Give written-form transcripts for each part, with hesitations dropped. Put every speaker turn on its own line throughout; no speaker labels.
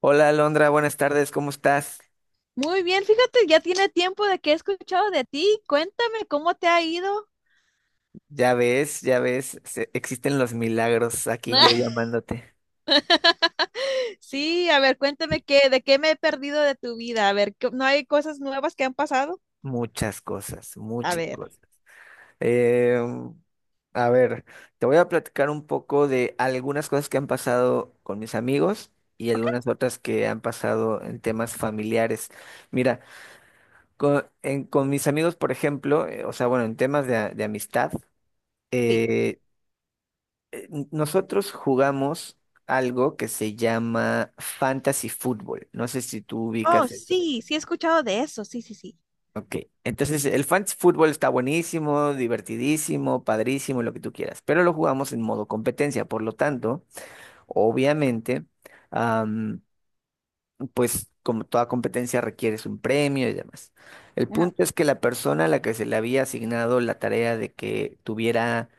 Hola Alondra, buenas tardes, ¿cómo estás?
Muy bien, fíjate, ya tiene tiempo de que he escuchado de ti. Cuéntame cómo te ha ido.
Ya ves, existen los milagros aquí yo llamándote.
Sí, a ver, cuéntame qué, de qué me he perdido de tu vida. A ver, ¿no hay cosas nuevas que han pasado?
Muchas cosas,
A
muchas
ver,
cosas. Eh, a ver, Te voy a platicar un poco de algunas cosas que han pasado con mis amigos y
ok,
algunas otras que han pasado en temas familiares. Mira, con mis amigos, por ejemplo, o sea, bueno, en temas de, de amistad.
sí.
eh, Nosotros jugamos algo que se llama Fantasy Fútbol. No sé si tú
Oh,
ubicas esto.
sí, sí he escuchado de eso. Sí, sí, sí.
Ok, entonces el Fantasy Fútbol está buenísimo, divertidísimo, padrísimo, lo que tú quieras, pero lo jugamos en modo competencia, por lo tanto, obviamente, pues como toda competencia requieres un premio y demás. El
Ajá,
punto es que la persona a la que se le había asignado la tarea de que tuviera,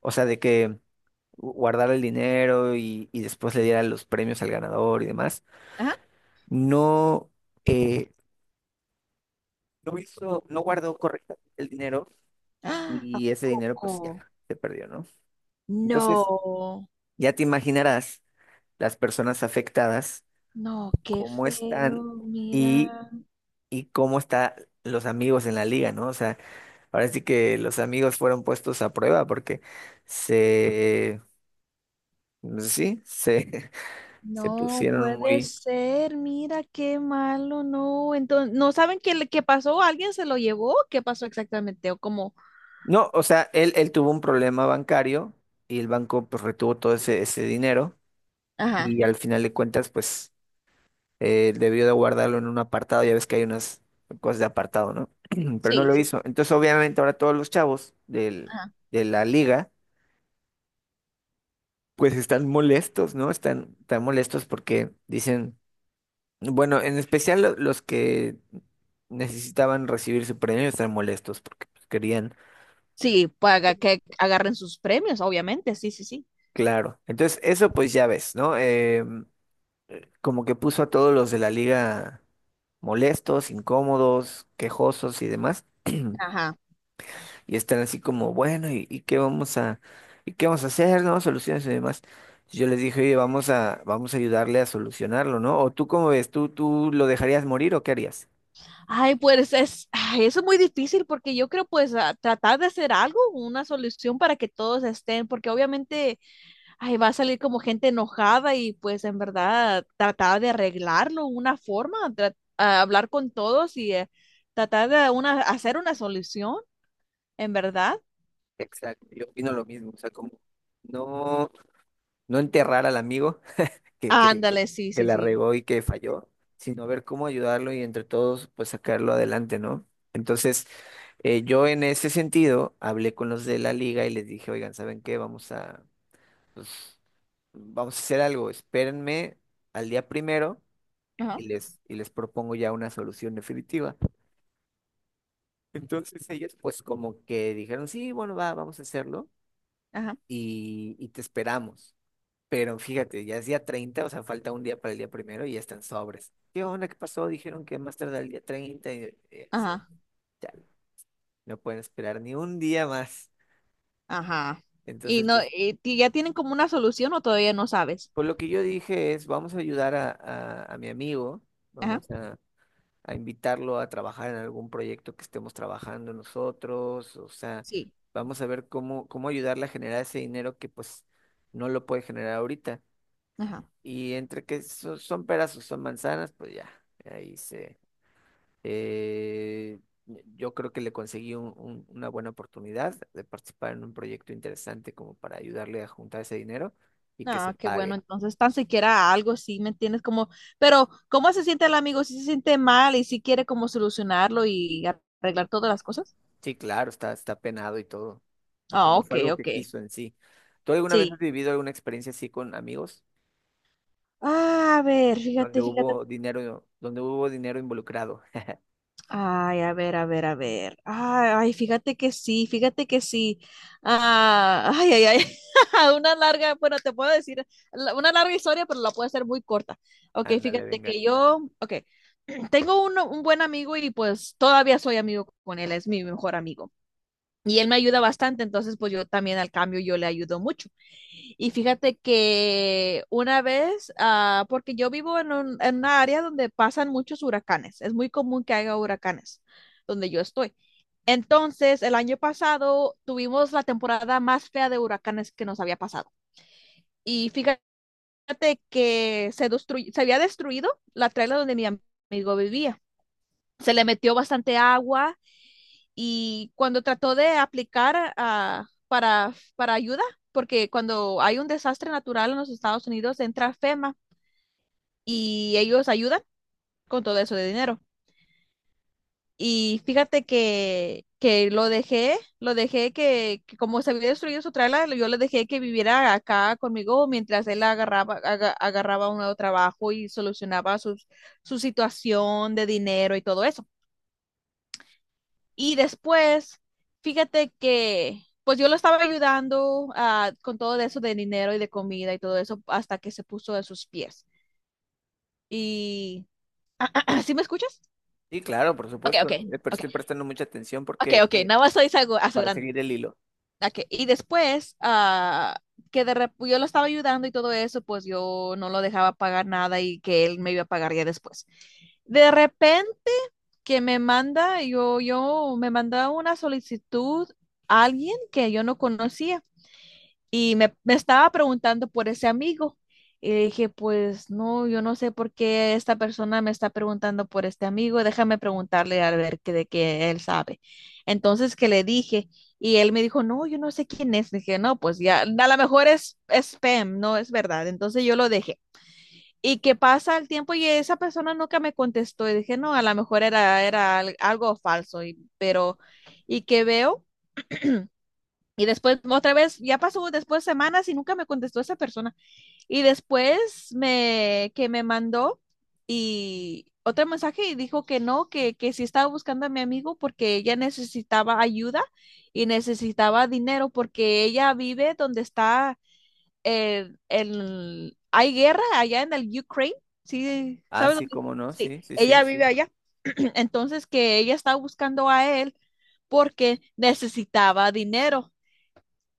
o sea, de que guardara el dinero y después le diera los premios al ganador y demás,
ajá.
no, eh, no hizo, no guardó correctamente el dinero
¡Ah! ¿A
y ese dinero pues ya
poco?
se perdió, ¿no?
No,
Entonces, ya te imaginarás las personas afectadas,
no, qué
cómo están
feo,
y,
mira.
y cómo están los amigos en la liga, ¿no? O sea, ahora sí que los amigos fueron puestos a prueba porque se, pues sí, se, se
No
pusieron
puede
muy...
ser, mira qué malo, no. Entonces, ¿no saben qué, qué pasó? ¿Alguien se lo llevó? ¿Qué pasó exactamente? O cómo,
No, o sea, él tuvo un problema bancario y el banco pues retuvo todo ese, ese dinero
ajá,
y al final de cuentas pues debió de guardarlo en un apartado, ya ves que hay unas cosas de apartado, ¿no? Pero no
sí,
lo
sí,
hizo. Entonces obviamente ahora todos los chavos del,
ajá.
de la liga pues están molestos, ¿no? Están, están molestos porque dicen... Bueno, en especial los que necesitaban recibir su premio están molestos porque pues, querían,
Sí, para que agarren sus premios, obviamente, sí, sí, sí.
claro. Entonces, eso pues ya ves, ¿no? Como que puso a todos los de la liga molestos, incómodos, quejosos y demás,
Ajá.
y están así como, bueno, y qué vamos a, y qué vamos a hacer, ¿no? Soluciones y demás. Yo les dije, oye, vamos a, vamos a ayudarle a solucionarlo, ¿no? O tú, ¿cómo ves? Tú lo dejarías morir o qué harías?
Ay, pues es, ay, eso es muy difícil porque yo creo pues tratar de hacer algo, una solución para que todos estén, porque obviamente ay, va a salir como gente enojada y pues en verdad tratar de arreglarlo, una forma, a hablar con todos y tratar de una, hacer una solución, en verdad. Sí,
Exacto, yo opino lo mismo, o sea, como no. No enterrar al amigo que, que,
ándale, sí,
que
sí,
la
sí.
regó y que falló, sino ver cómo ayudarlo y entre todos pues sacarlo adelante, ¿no? Entonces, yo en ese sentido hablé con los de la liga y les dije, oigan, ¿saben qué? Vamos a, pues, vamos a hacer algo, espérenme al día 1.º
Ajá,
y les propongo ya una solución definitiva. Entonces ellos pues como que dijeron, sí, bueno, va, vamos a hacerlo
ajá,
y te esperamos. Pero fíjate, ya es día 30, o sea, falta un día para el día 1.º y ya están sobres. ¿Qué onda? ¿Qué pasó? Dijeron que más tarde el día 30. Y así,
ajá,
chale, no pueden esperar ni un día más.
ajá. Y
Entonces,
no, sí. Y ya tienen como una solución o todavía no sabes.
por lo que yo dije es, vamos a ayudar a, a mi amigo,
Ajá,
vamos a invitarlo a trabajar en algún proyecto que estemos trabajando nosotros, o sea,
sí,
vamos a ver cómo, cómo ayudarle a generar ese dinero que pues no lo puede generar ahorita.
ajá.
Y entre que son peras o son manzanas, pues ya, ahí se... Eh, yo creo que le conseguí una buena oportunidad de participar en un proyecto interesante como para ayudarle a juntar ese dinero y que se
Ah, qué bueno,
pague.
entonces tan siquiera algo, sí, ¿me entiendes? Como, pero ¿cómo se siente el amigo? ¿Si se siente mal y si quiere como solucionarlo y arreglar todas las cosas?
Sí, claro, está, está penado y todo, porque
Ah,
no
ok,
fue algo que
ok.
quiso en sí. ¿Tú alguna vez has
Sí.
vivido alguna experiencia así con amigos
Ah, a ver, fíjate, fíjate.
donde hubo dinero involucrado?
Ay, a ver, a ver, a ver. Ay, ay, fíjate que sí, fíjate que sí. Ah, ay, ay, ay. Una larga, bueno, te puedo decir una larga historia, pero la puedo hacer muy corta. Ok,
Ándale,
fíjate
venga.
que yo, ok, tengo un buen amigo y pues todavía soy amigo con él, es mi mejor amigo. Y él me ayuda bastante, entonces pues yo también al cambio yo le ayudo mucho. Y fíjate que una vez, ah, porque yo vivo en en una área donde pasan muchos huracanes, es muy común que haya huracanes donde yo estoy. Entonces, el año pasado tuvimos la temporada más fea de huracanes que nos había pasado. Y fíjate que se había destruido la traila donde mi amigo vivía. Se le metió bastante agua y cuando trató de aplicar para ayuda, porque cuando hay un desastre natural en los Estados Unidos entra FEMA y ellos ayudan con todo eso de dinero. Y fíjate que, lo dejé que como se había destruido su trailer, yo le dejé que viviera acá conmigo mientras él agarraba un nuevo trabajo y solucionaba su situación de dinero y todo eso. Y después, fíjate que, pues yo lo estaba ayudando con todo eso de dinero y de comida y todo eso hasta que se puso de sus pies. Y, ¿sí me escuchas?
Sí, claro, por
Ok, ok,
supuesto, pero
ok,
estoy prestando mucha atención
ok,
porque
ok, nada más estoy
para
asegurando.
seguir el hilo.
Ok, y después, yo lo estaba ayudando y todo eso, pues yo no lo dejaba pagar nada y que él me iba a pagar ya después. De repente que me manda, yo me manda una solicitud a alguien que yo no conocía. Y me estaba preguntando por ese amigo. Y dije, pues no, yo no sé por qué esta persona me está preguntando por este amigo, déjame preguntarle a ver que, de qué él sabe. Entonces que le dije, y él me dijo, no, yo no sé quién es. Dije, no, pues ya, a lo mejor es spam, no es verdad. Entonces yo lo dejé. Y que pasa el tiempo y esa persona nunca me contestó. Y dije, no, a lo mejor algo falso, y, pero, y que veo y después, otra vez, ya pasó después semanas y nunca me contestó esa persona. Y después que me mandó y otro mensaje y dijo que no, que sí estaba buscando a mi amigo porque ella necesitaba ayuda y necesitaba dinero porque ella vive donde está hay guerra allá en el Ukraine. Sí,
Ah,
¿sabes
sí,
dónde?
cómo no,
Sí,
sí, sí,
ella,
sí.
sí, vive, sí, allá. Entonces que ella estaba buscando a él porque necesitaba dinero.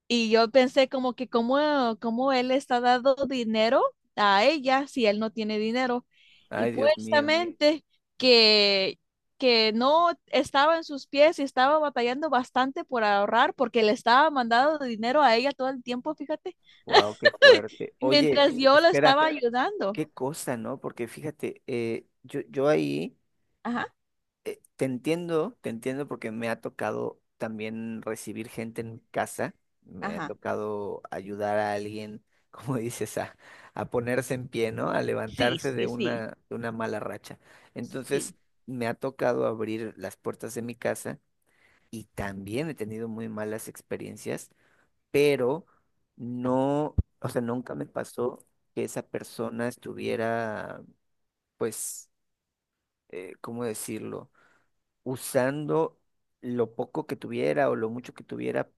Y yo pensé como que cómo él le está dando dinero a ella si él no tiene dinero. Y
Ay, Dios mío.
puestamente que, que no estaba en sus pies y estaba batallando bastante por ahorrar porque le estaba mandando dinero a ella todo el tiempo, fíjate,
Wow, qué fuerte. Oye,
mientras yo lo
espera,
estaba ayudando.
qué cosa, ¿no? Porque fíjate, yo ahí
Ajá.
te entiendo porque me ha tocado también recibir gente en mi casa, me ha
Ajá.
tocado ayudar a alguien, como dices, a ponerse en pie, ¿no? A
Sí,
levantarse
sí, sí,
de una mala racha. Entonces,
sí,
me ha tocado abrir las puertas de mi casa y también he tenido muy malas experiencias pero no, o sea, nunca me pasó que esa persona estuviera, pues, ¿cómo decirlo? Usando lo poco que tuviera o lo mucho que tuviera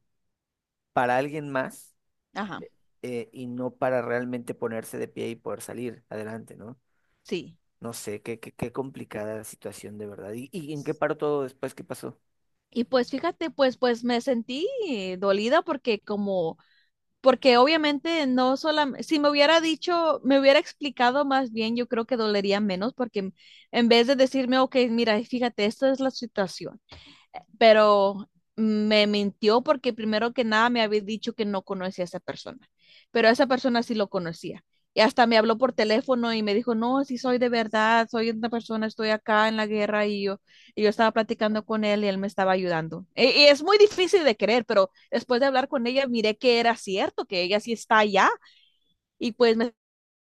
para alguien más,
ajá,
y no para realmente ponerse de pie y poder salir adelante, ¿no?
sí.
No sé, qué, qué, qué complicada la situación de verdad. Y en qué paró todo después? ¿Qué pasó?
Y pues fíjate, pues me sentí dolida porque como porque obviamente no solamente, si me hubiera dicho, me hubiera explicado más bien, yo creo que dolería menos, porque en vez de decirme, ok, mira, fíjate, esta es la situación pero me mintió porque primero que nada me había dicho que no conocía a esa persona, pero a esa persona sí lo conocía. Y hasta me habló por teléfono y me dijo, no, sí soy de verdad, soy una persona, estoy acá en la guerra y yo estaba platicando con él y él me estaba ayudando. Y, es muy difícil de creer, pero después de hablar con ella miré que era cierto, que ella sí está allá y pues me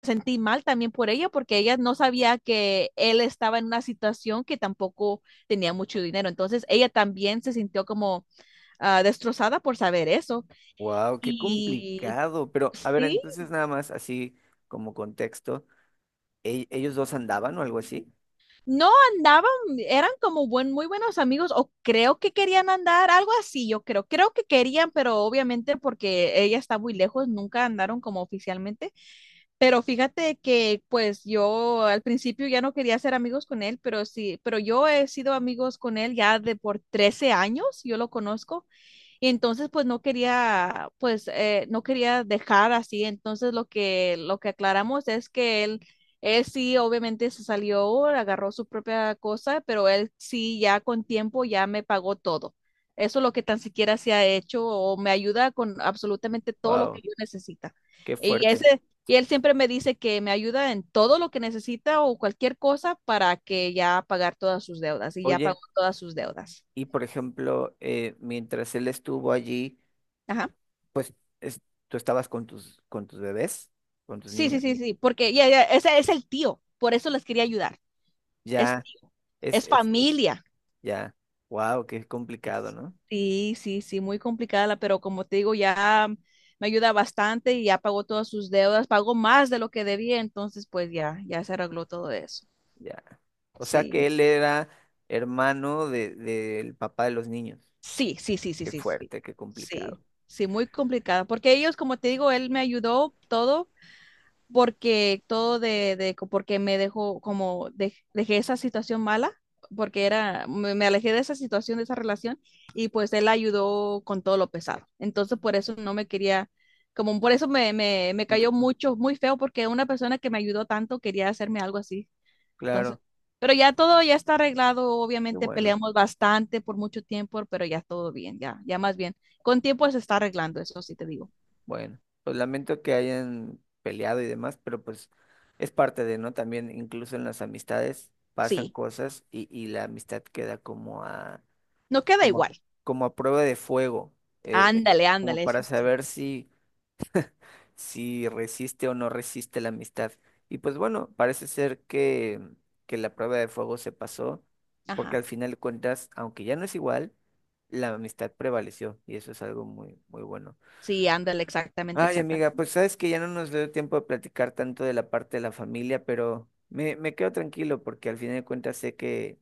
sentí mal también por ella porque ella no sabía que él estaba en una situación que tampoco tenía mucho dinero. Entonces ella también se sintió como destrozada por saber eso.
Wow, qué
Y
complicado. Pero, a ver,
sí,
entonces nada más así como contexto, ellos dos andaban o algo así?
no andaban, eran como muy buenos amigos o creo que querían andar, algo así, yo creo. Creo que querían, pero obviamente porque ella está muy lejos, nunca andaron como oficialmente. Pero fíjate que pues yo al principio ya no quería ser amigos con él, pero sí, pero yo he sido amigos con él ya de por 13 años, yo lo conozco. Y entonces, pues no quería dejar así. Entonces, lo que aclaramos es que él sí, obviamente se salió, agarró su propia cosa, pero él sí, ya con tiempo, ya me pagó todo. Eso es lo que tan siquiera se ha hecho o me ayuda con absolutamente todo lo que
Wow.
yo necesita.
Qué
Y
fuerte.
ese, y él siempre me dice que me ayuda en todo lo que necesita o cualquier cosa para que ya pagar todas sus deudas y ya
Oye,
pagó todas sus deudas.
y por ejemplo, mientras él estuvo allí,
Ajá.
es- tú estabas con tus bebés, con tus
Sí, sí,
niños.
sí, sí, porque ya, ya, ese es el tío, por eso les quería ayudar. Es
Ya,
tío, es
es,
familia.
ya. Wow, qué complicado, ¿no?
Sí, sí, sí, muy complicada, pero como te digo, ya me ayuda bastante y ya pagó todas sus deudas, pagó más de lo que debía, entonces pues ya, ya se arregló todo eso.
Ya. O sea que
Sí,
él era hermano de, del papá de los niños.
sí, sí, sí, sí,
Qué
sí, sí,
fuerte, qué complicado.
sí, sí, muy complicada, porque ellos, como te digo, él me ayudó todo porque todo de porque me dejó como dejé esa situación mala, porque era, me alejé de esa situación, de esa relación, y pues él ayudó con todo lo pesado. Entonces por eso no me quería, como por eso me
Ujú.
cayó mucho, muy feo, porque una persona que me ayudó tanto quería hacerme algo así. Entonces,
Claro,
pero ya todo ya está arreglado,
qué
obviamente
bueno.
peleamos bastante por mucho tiempo, pero ya todo bien, ya, ya más bien. Con tiempo se está arreglando, eso sí te digo.
Bueno, pues lamento que hayan peleado y demás, pero pues es parte de, ¿no? También incluso en las amistades pasan
Sí,
cosas y la amistad queda como a,
no queda
como,
igual.
como a prueba de fuego, eh,
Ándale,
como
ándale, eso
para
sí.
saber si, si resiste o no resiste la amistad. Y pues bueno, parece ser que la prueba de fuego se pasó, porque
Ajá.
al final de cuentas, aunque ya no es igual, la amistad prevaleció y eso es algo muy, muy bueno.
Sí, ándale, exactamente,
Ay, amiga,
exactamente.
pues sabes que ya no nos dio tiempo de platicar tanto de la parte de la familia, pero me quedo tranquilo porque al final de cuentas sé que,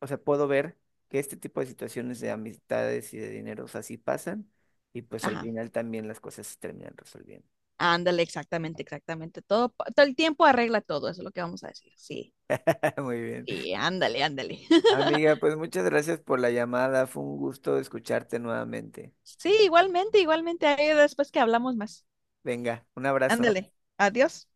o sea, puedo ver que este tipo de situaciones de amistades y de dinero, o sea, sí pasan y pues al
Ajá.
final también las cosas se terminan resolviendo.
Ándale, exactamente, exactamente. Todo, todo el tiempo arregla todo, eso es lo que vamos a decir. Sí,
Muy bien.
sí, ándale, ándale.
Amiga, pues muchas gracias por la llamada, fue un gusto escucharte nuevamente.
Sí, igualmente, igualmente. Ahí después que hablamos más.
Venga, un abrazo.
Ándale. Adiós.